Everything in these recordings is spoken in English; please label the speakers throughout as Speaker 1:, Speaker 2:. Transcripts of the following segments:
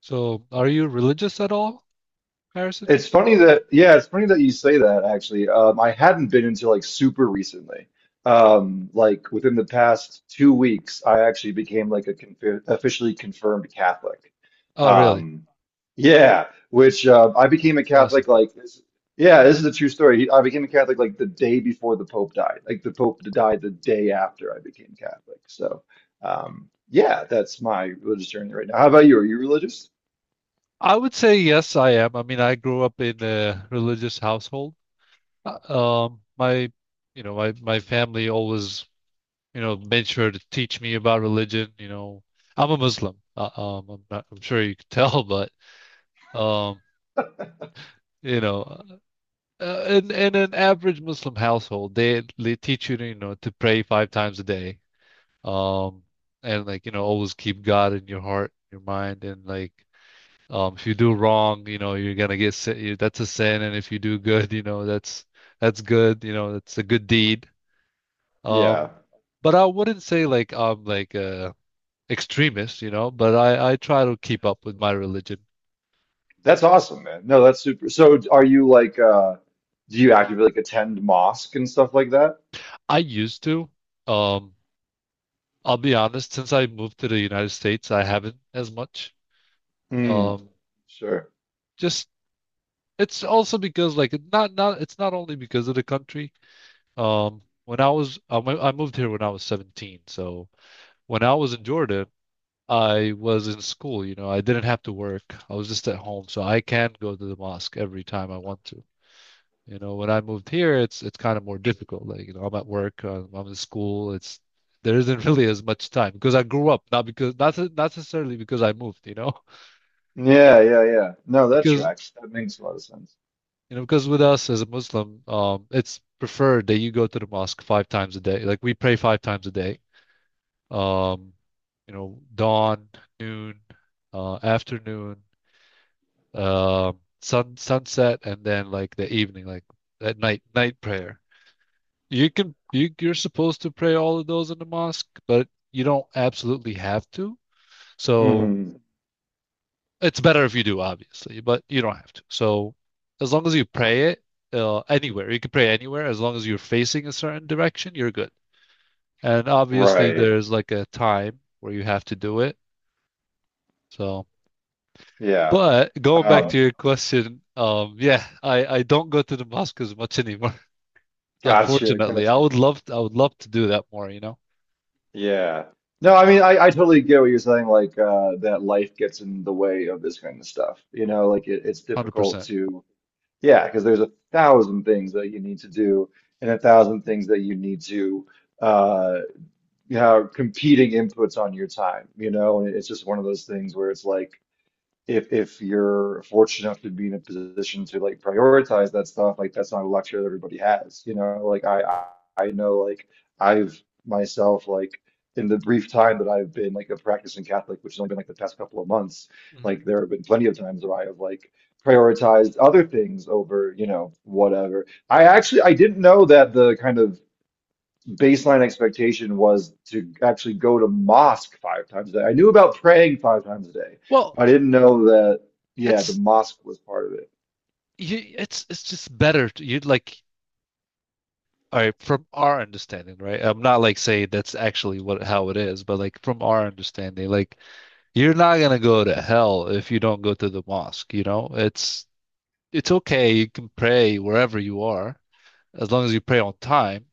Speaker 1: So, are you religious at all, Harrison?
Speaker 2: It's funny that you say that actually. I hadn't been until like super recently. Like within the past 2 weeks, I actually became like a confi officially confirmed Catholic.
Speaker 1: Oh, really?
Speaker 2: Um, yeah, which I became a
Speaker 1: It's awesome.
Speaker 2: Catholic like this. Yeah, this is a true story. I became a Catholic like the day before the Pope died. Like the Pope died the day after I became Catholic. So, yeah, that's my religious journey right now. How about you? Are you religious?
Speaker 1: I would say yes, I am. I mean, I grew up in a religious household. Uh, my, my family always, made sure to teach me about religion. I'm a Muslim. I'm not, I'm sure you could tell, but um, you know, in an average Muslim household, they teach you to, to pray 5 times a day. Um, and like, always keep God in your heart, your mind, and if you do wrong, you're gonna get sin. That's a sin, and if you do good, that's good. That's a good deed. Um,
Speaker 2: Yeah.
Speaker 1: but I wouldn't say like I'm like a extremist, but I try to keep up with my religion.
Speaker 2: That's awesome, man. No, that's super. So are you like do you actively like attend mosque and stuff like that?
Speaker 1: I used to. Um, I'll be honest, since I moved to the United States, I haven't as much.
Speaker 2: Mm,
Speaker 1: Um,
Speaker 2: sure.
Speaker 1: just it's also because like it's not only because of the country. When I was I moved here when I was 17, so when I was in Jordan, I was in school, I didn't have to work. I was just at home, so I can go to the mosque every time I want to. You know, when I moved here, it's kind of more difficult. Like, you know, I'm at work, I'm in school. It's there isn't really as much time because I grew up, not because not not necessarily because I moved, you know,
Speaker 2: Yeah, yeah, yeah. No, that
Speaker 1: because
Speaker 2: tracks. That makes a lot of sense.
Speaker 1: with us as a Muslim, it's preferred that you go to the mosque 5 times a day. Like we pray 5 times a day. um, dawn, noon, afternoon, sunset, and then like the evening, like at night prayer. You can you're supposed to pray all of those in the mosque, but you don't absolutely have to. So
Speaker 2: Mm,
Speaker 1: it's better if you do, obviously, but you don't have to. So as long as you pray it anywhere, you can pray anywhere as long as you're facing a certain direction, you're good. And obviously,
Speaker 2: right.
Speaker 1: there's like a time where you have to do it. So.
Speaker 2: Yeah.
Speaker 1: But going back to
Speaker 2: Um,
Speaker 1: your question, yeah, I don't go to the mosque as much anymore,
Speaker 2: Gotcha,
Speaker 1: unfortunately.
Speaker 2: gotcha.
Speaker 1: I would love to do that more, you know,
Speaker 2: Yeah. No, I mean I totally get what you're saying, like that life gets in the way of this kind of stuff. You know, like it's difficult
Speaker 1: 100%.
Speaker 2: to yeah, because there's a thousand things that you need to do and a thousand things that you need to uh yeah, competing inputs on your time, you know, and it's just one of those things where it's like if you're fortunate enough to be in a position to like prioritize that stuff, like that's not a luxury that everybody has, you know, like I know like I've myself like in the brief time that I've been like a practicing Catholic, which has only been like the past couple of months, like
Speaker 1: Mhm.
Speaker 2: there have been plenty of times where I have like prioritized other things over, you know, whatever. I actually I didn't know that the kind of baseline expectation was to actually go to mosque 5 times a day. I knew about praying 5 times a day.
Speaker 1: Well,
Speaker 2: I didn't know that, yeah, the
Speaker 1: it's
Speaker 2: mosque was part of it.
Speaker 1: it's just better to, you'd like all right from our understanding, right? I'm not like saying that's actually what how it is, but like from our understanding, like you're not gonna go to hell if you don't go to the mosque, you know? It's okay. You can pray wherever you are as long as you pray on time,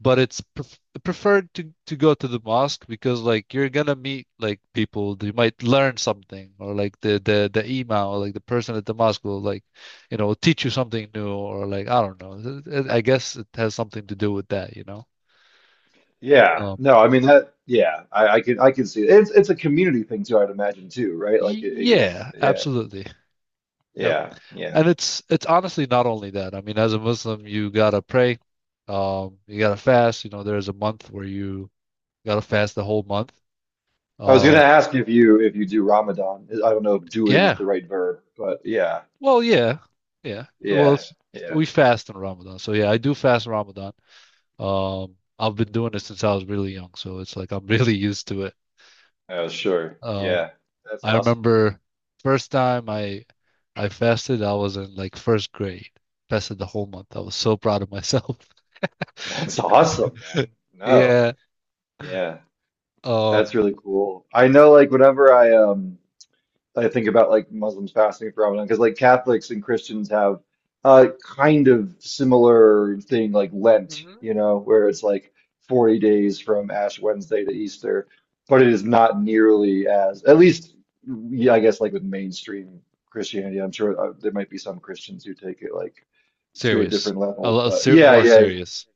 Speaker 1: but it's preferred to go to the mosque because like you're gonna meet like people, you might learn something, or like the imam or like the person at the mosque will like, you know, teach you something new, or like I don't know. I guess it has something to do with that, you know.
Speaker 2: Yeah.
Speaker 1: um
Speaker 2: No, I mean that, yeah, I can see it. It's a community thing too, I'd imagine too, right?
Speaker 1: y-
Speaker 2: Like it, it's
Speaker 1: yeah,
Speaker 2: yeah,
Speaker 1: absolutely. Yep.
Speaker 2: yeah, yeah.
Speaker 1: And it's honestly not only that. I mean, as a Muslim, you gotta pray. You gotta fast, you know, there's a month where you gotta fast the whole month.
Speaker 2: I was gonna
Speaker 1: um
Speaker 2: ask if you do Ramadan. I don't know if doing is
Speaker 1: yeah.
Speaker 2: the right verb, but yeah,
Speaker 1: Well, yeah, yeah.
Speaker 2: yeah, yeah.
Speaker 1: We fast in Ramadan, so yeah, I do fast in Ramadan. I've been doing it since I was really young, so it's like I'm really used to it.
Speaker 2: Oh, sure.
Speaker 1: Um,
Speaker 2: Yeah. That's
Speaker 1: I
Speaker 2: awesome.
Speaker 1: remember first time I fasted, I was in like first grade. Fasted the whole month. I was so proud of myself.
Speaker 2: That's awesome, man. No.
Speaker 1: Yeah.
Speaker 2: Yeah. That's
Speaker 1: Um.
Speaker 2: really cool. I know like whenever I think about like Muslims fasting for Ramadan because like Catholics and Christians have a kind of similar thing like Lent,
Speaker 1: Mhm.
Speaker 2: you know, where it's like 40 days from Ash Wednesday to Easter, but it is not nearly as, at least, yeah, I guess like with mainstream Christianity, I'm sure there might be some Christians who take it like to a
Speaker 1: Serious.
Speaker 2: different
Speaker 1: A
Speaker 2: level,
Speaker 1: lot
Speaker 2: but
Speaker 1: ser
Speaker 2: yeah,
Speaker 1: more
Speaker 2: yeah.
Speaker 1: serious.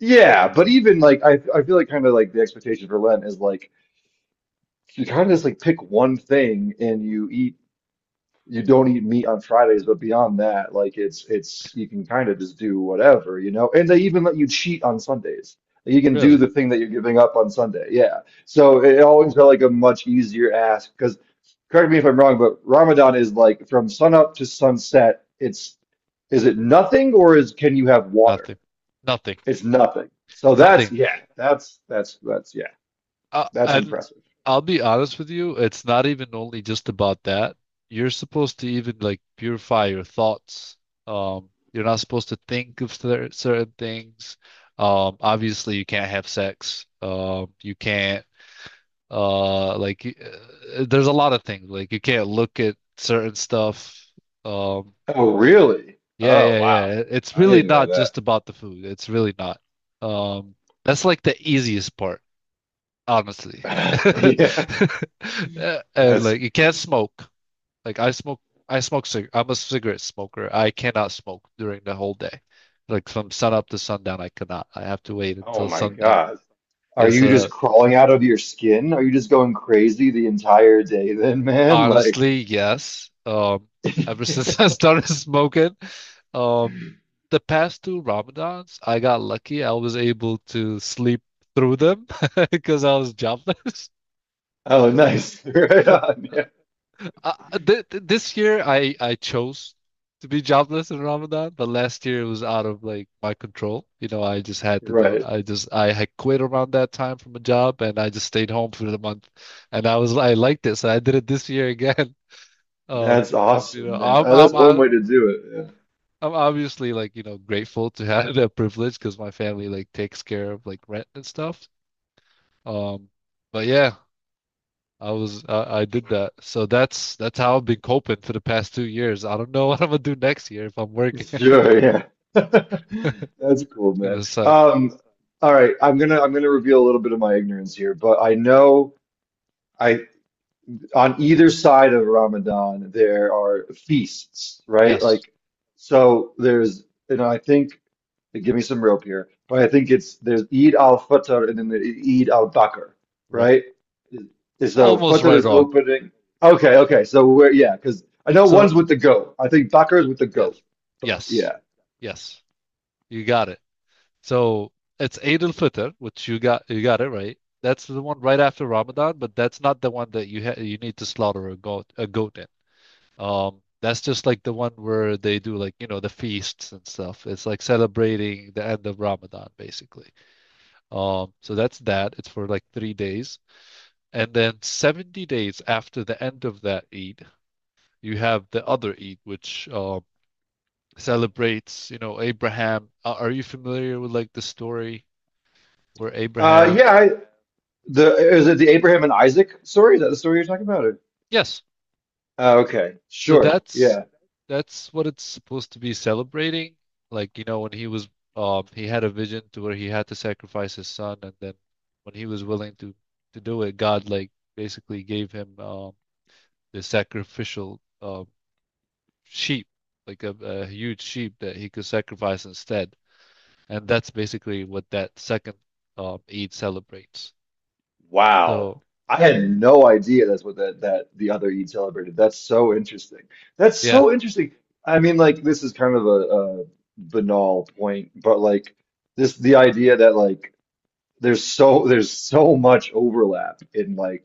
Speaker 2: Yeah, but even like I feel like kind of like the expectation for Lent is like you kind of just like pick one thing and you don't eat meat on Fridays, but beyond that, like it's you can kind of just do whatever, you know. And they even let you cheat on Sundays. You can do
Speaker 1: Really.
Speaker 2: the thing that you're giving up on Sunday. Yeah. So it always felt like a much easier ask because correct me if I'm wrong, but Ramadan is like from sunup to sunset. It's Is it nothing, or is can you have water?
Speaker 1: Nothing. Nothing.
Speaker 2: It's nothing. So that's
Speaker 1: Nothing.
Speaker 2: yeah, that's yeah, that's
Speaker 1: And
Speaker 2: impressive.
Speaker 1: I'll be honest with you, it's not even only just about that. You're supposed to even like purify your thoughts. You're not supposed to think of certain things. Obviously you can't have sex. You can't like y- there's a lot of things like you can't look at certain stuff. Um,
Speaker 2: Oh, really?
Speaker 1: yeah,
Speaker 2: Oh,
Speaker 1: yeah,
Speaker 2: wow.
Speaker 1: yeah. It's
Speaker 2: I
Speaker 1: really
Speaker 2: didn't know
Speaker 1: not
Speaker 2: that.
Speaker 1: just about the food. It's really not. Um, that's like the easiest part honestly.
Speaker 2: Yeah,
Speaker 1: And
Speaker 2: that's
Speaker 1: like you can't
Speaker 2: crazy.
Speaker 1: smoke. Like I smoke cig I'm a cigarette smoker. I cannot smoke during the whole day. Like from sun up to sundown, I cannot. I have to wait
Speaker 2: Oh
Speaker 1: until
Speaker 2: my
Speaker 1: sundown.
Speaker 2: God. Are
Speaker 1: Yes,
Speaker 2: you
Speaker 1: uh
Speaker 2: just crawling out of your skin? Are you just going crazy the entire day then, man? Like,
Speaker 1: honestly, yes. Ever since I started smoking, um the past two Ramadans, I got lucky. I was able to sleep through them because I was jobless.
Speaker 2: oh, nice. Right on. Yeah.
Speaker 1: Th th this year I chose to be jobless in Ramadan, but last year it was out of like my control. You know,
Speaker 2: Right.
Speaker 1: I just I had quit around that time from a job and I just stayed home for the month, and I was I liked it, so I did it this year again. Um,
Speaker 2: That's awesome, man.
Speaker 1: I'm
Speaker 2: That's one way to do
Speaker 1: I'm obviously like, you know, grateful to have that privilege because my family like takes care of like rent and stuff. Um, but yeah, I did that. So that's how I've been coping for the past 2 years. I don't know what I'm gonna do next year if I'm
Speaker 2: it.
Speaker 1: working.
Speaker 2: Yeah. Sure. Yeah. That's cool,
Speaker 1: It's
Speaker 2: man.
Speaker 1: gonna suck.
Speaker 2: All right. I'm gonna reveal a little bit of my ignorance here, but I know. I. On either side of Ramadan, there are feasts, right?
Speaker 1: Yes.
Speaker 2: Like, so there's, you know, I think, give me some rope here, but I think it's there's Eid al-Fitr and then the Eid al-Bakr,
Speaker 1: Right.
Speaker 2: right? And so
Speaker 1: Almost
Speaker 2: Fitr
Speaker 1: right
Speaker 2: is
Speaker 1: on.
Speaker 2: opening. Okay, okay. So we're, yeah, because I know one's
Speaker 1: So
Speaker 2: with the goat. I think Bakr is with the goat,
Speaker 1: yes.
Speaker 2: but
Speaker 1: Yes.
Speaker 2: yeah.
Speaker 1: Yes. You got it. So it's Eid al-Fitr, which you got it right. That's the one right after Ramadan, but that's not the one that you need to slaughter a goat in. That's just like the one where they do like, you know, the feasts and stuff. It's like celebrating the end of Ramadan, basically. So that's that. It's for like 3 days. And then 70 days after the end of that Eid, you have the other Eid, which celebrates, you know, Abraham. Are you familiar with like the story where Abraham?
Speaker 2: Yeah, is it the Abraham and Isaac story? Is that the story you're talking about? Or?
Speaker 1: Yes.
Speaker 2: Okay,
Speaker 1: So
Speaker 2: sure. Yeah.
Speaker 1: that's what it's supposed to be celebrating. Like, you know, when he was he had a vision to where he had to sacrifice his son, and then when he was willing to do it, God like basically gave him the sacrificial sheep, like a huge sheep that he could sacrifice instead. And that's basically what that second Eid celebrates.
Speaker 2: Wow.
Speaker 1: So,
Speaker 2: I had no idea that's what that the other Eid celebrated. That's so interesting. That's
Speaker 1: yeah.
Speaker 2: so interesting. I mean, like this is kind of a banal point, but like this the idea that like there's so much overlap in like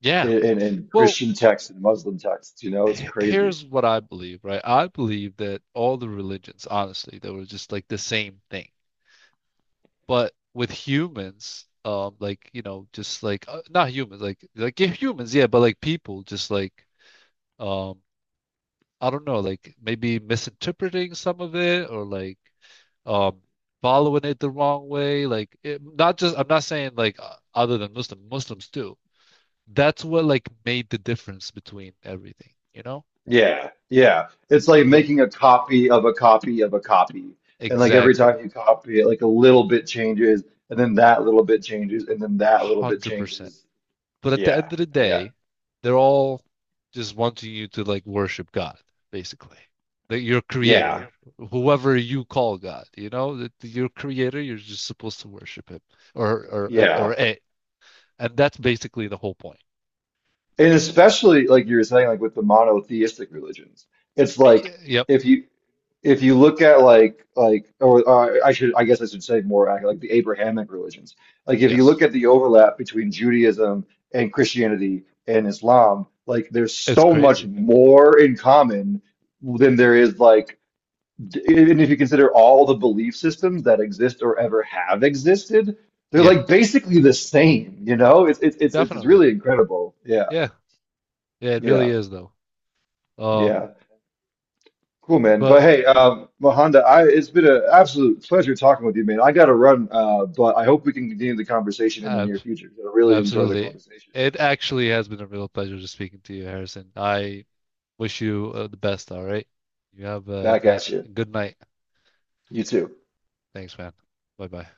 Speaker 1: Yeah.
Speaker 2: in
Speaker 1: Well,
Speaker 2: Christian texts and Muslim texts, you know, it's crazy.
Speaker 1: here's what I believe, right? I believe that all the religions, honestly, they were just like the same thing. But with humans, like, you know, just like not humans, like yeah, humans, yeah, but like people just like um I don't know, like maybe misinterpreting some of it or like um following it the wrong way, like it, not just I'm not saying like other than Muslims too, that's what like made the difference between everything, you know.
Speaker 2: Yeah, yeah. It's like
Speaker 1: But
Speaker 2: making a copy of a copy of a copy. And like every
Speaker 1: exactly,
Speaker 2: time you copy it, like a little bit changes, and then that little bit changes, and then that little bit
Speaker 1: 100%,
Speaker 2: changes.
Speaker 1: but at the
Speaker 2: Yeah,
Speaker 1: end of the
Speaker 2: yeah,
Speaker 1: day they're all just wanting you to like worship God, basically. That your
Speaker 2: yeah, yeah,
Speaker 1: creator, whoever you call God, you know, that your creator, you're just supposed to worship him. or or or
Speaker 2: yeah.
Speaker 1: a, and that's basically the whole point.
Speaker 2: And especially like you were saying, like with the monotheistic religions, it's like
Speaker 1: Yep.
Speaker 2: if you if you look at like or I guess I should say more like the Abrahamic religions. Like if you
Speaker 1: Yes.
Speaker 2: look at the overlap between Judaism and Christianity and Islam, like there's
Speaker 1: It's
Speaker 2: so much
Speaker 1: crazy.
Speaker 2: more in common than there is even if you consider all the belief systems that exist or ever have existed, they're
Speaker 1: Yeah,
Speaker 2: like basically the same, you know? It's
Speaker 1: definitely.
Speaker 2: really incredible. Yeah.
Speaker 1: Yeah. Yeah, it really
Speaker 2: Yeah.
Speaker 1: is though. Um,
Speaker 2: Yeah, cool, man. But
Speaker 1: but
Speaker 2: hey, Mahonda, I it's been an absolute pleasure talking with you, man. I gotta run, but I hope we can continue the conversation in the
Speaker 1: ab
Speaker 2: near future. I really enjoyed the
Speaker 1: absolutely.
Speaker 2: conversation.
Speaker 1: It actually has been a real pleasure just speaking to you, Harrison. I wish you the best, all right? You have a
Speaker 2: Back at
Speaker 1: nice,
Speaker 2: you.
Speaker 1: good night.
Speaker 2: You too.
Speaker 1: Thanks, man. Bye-bye.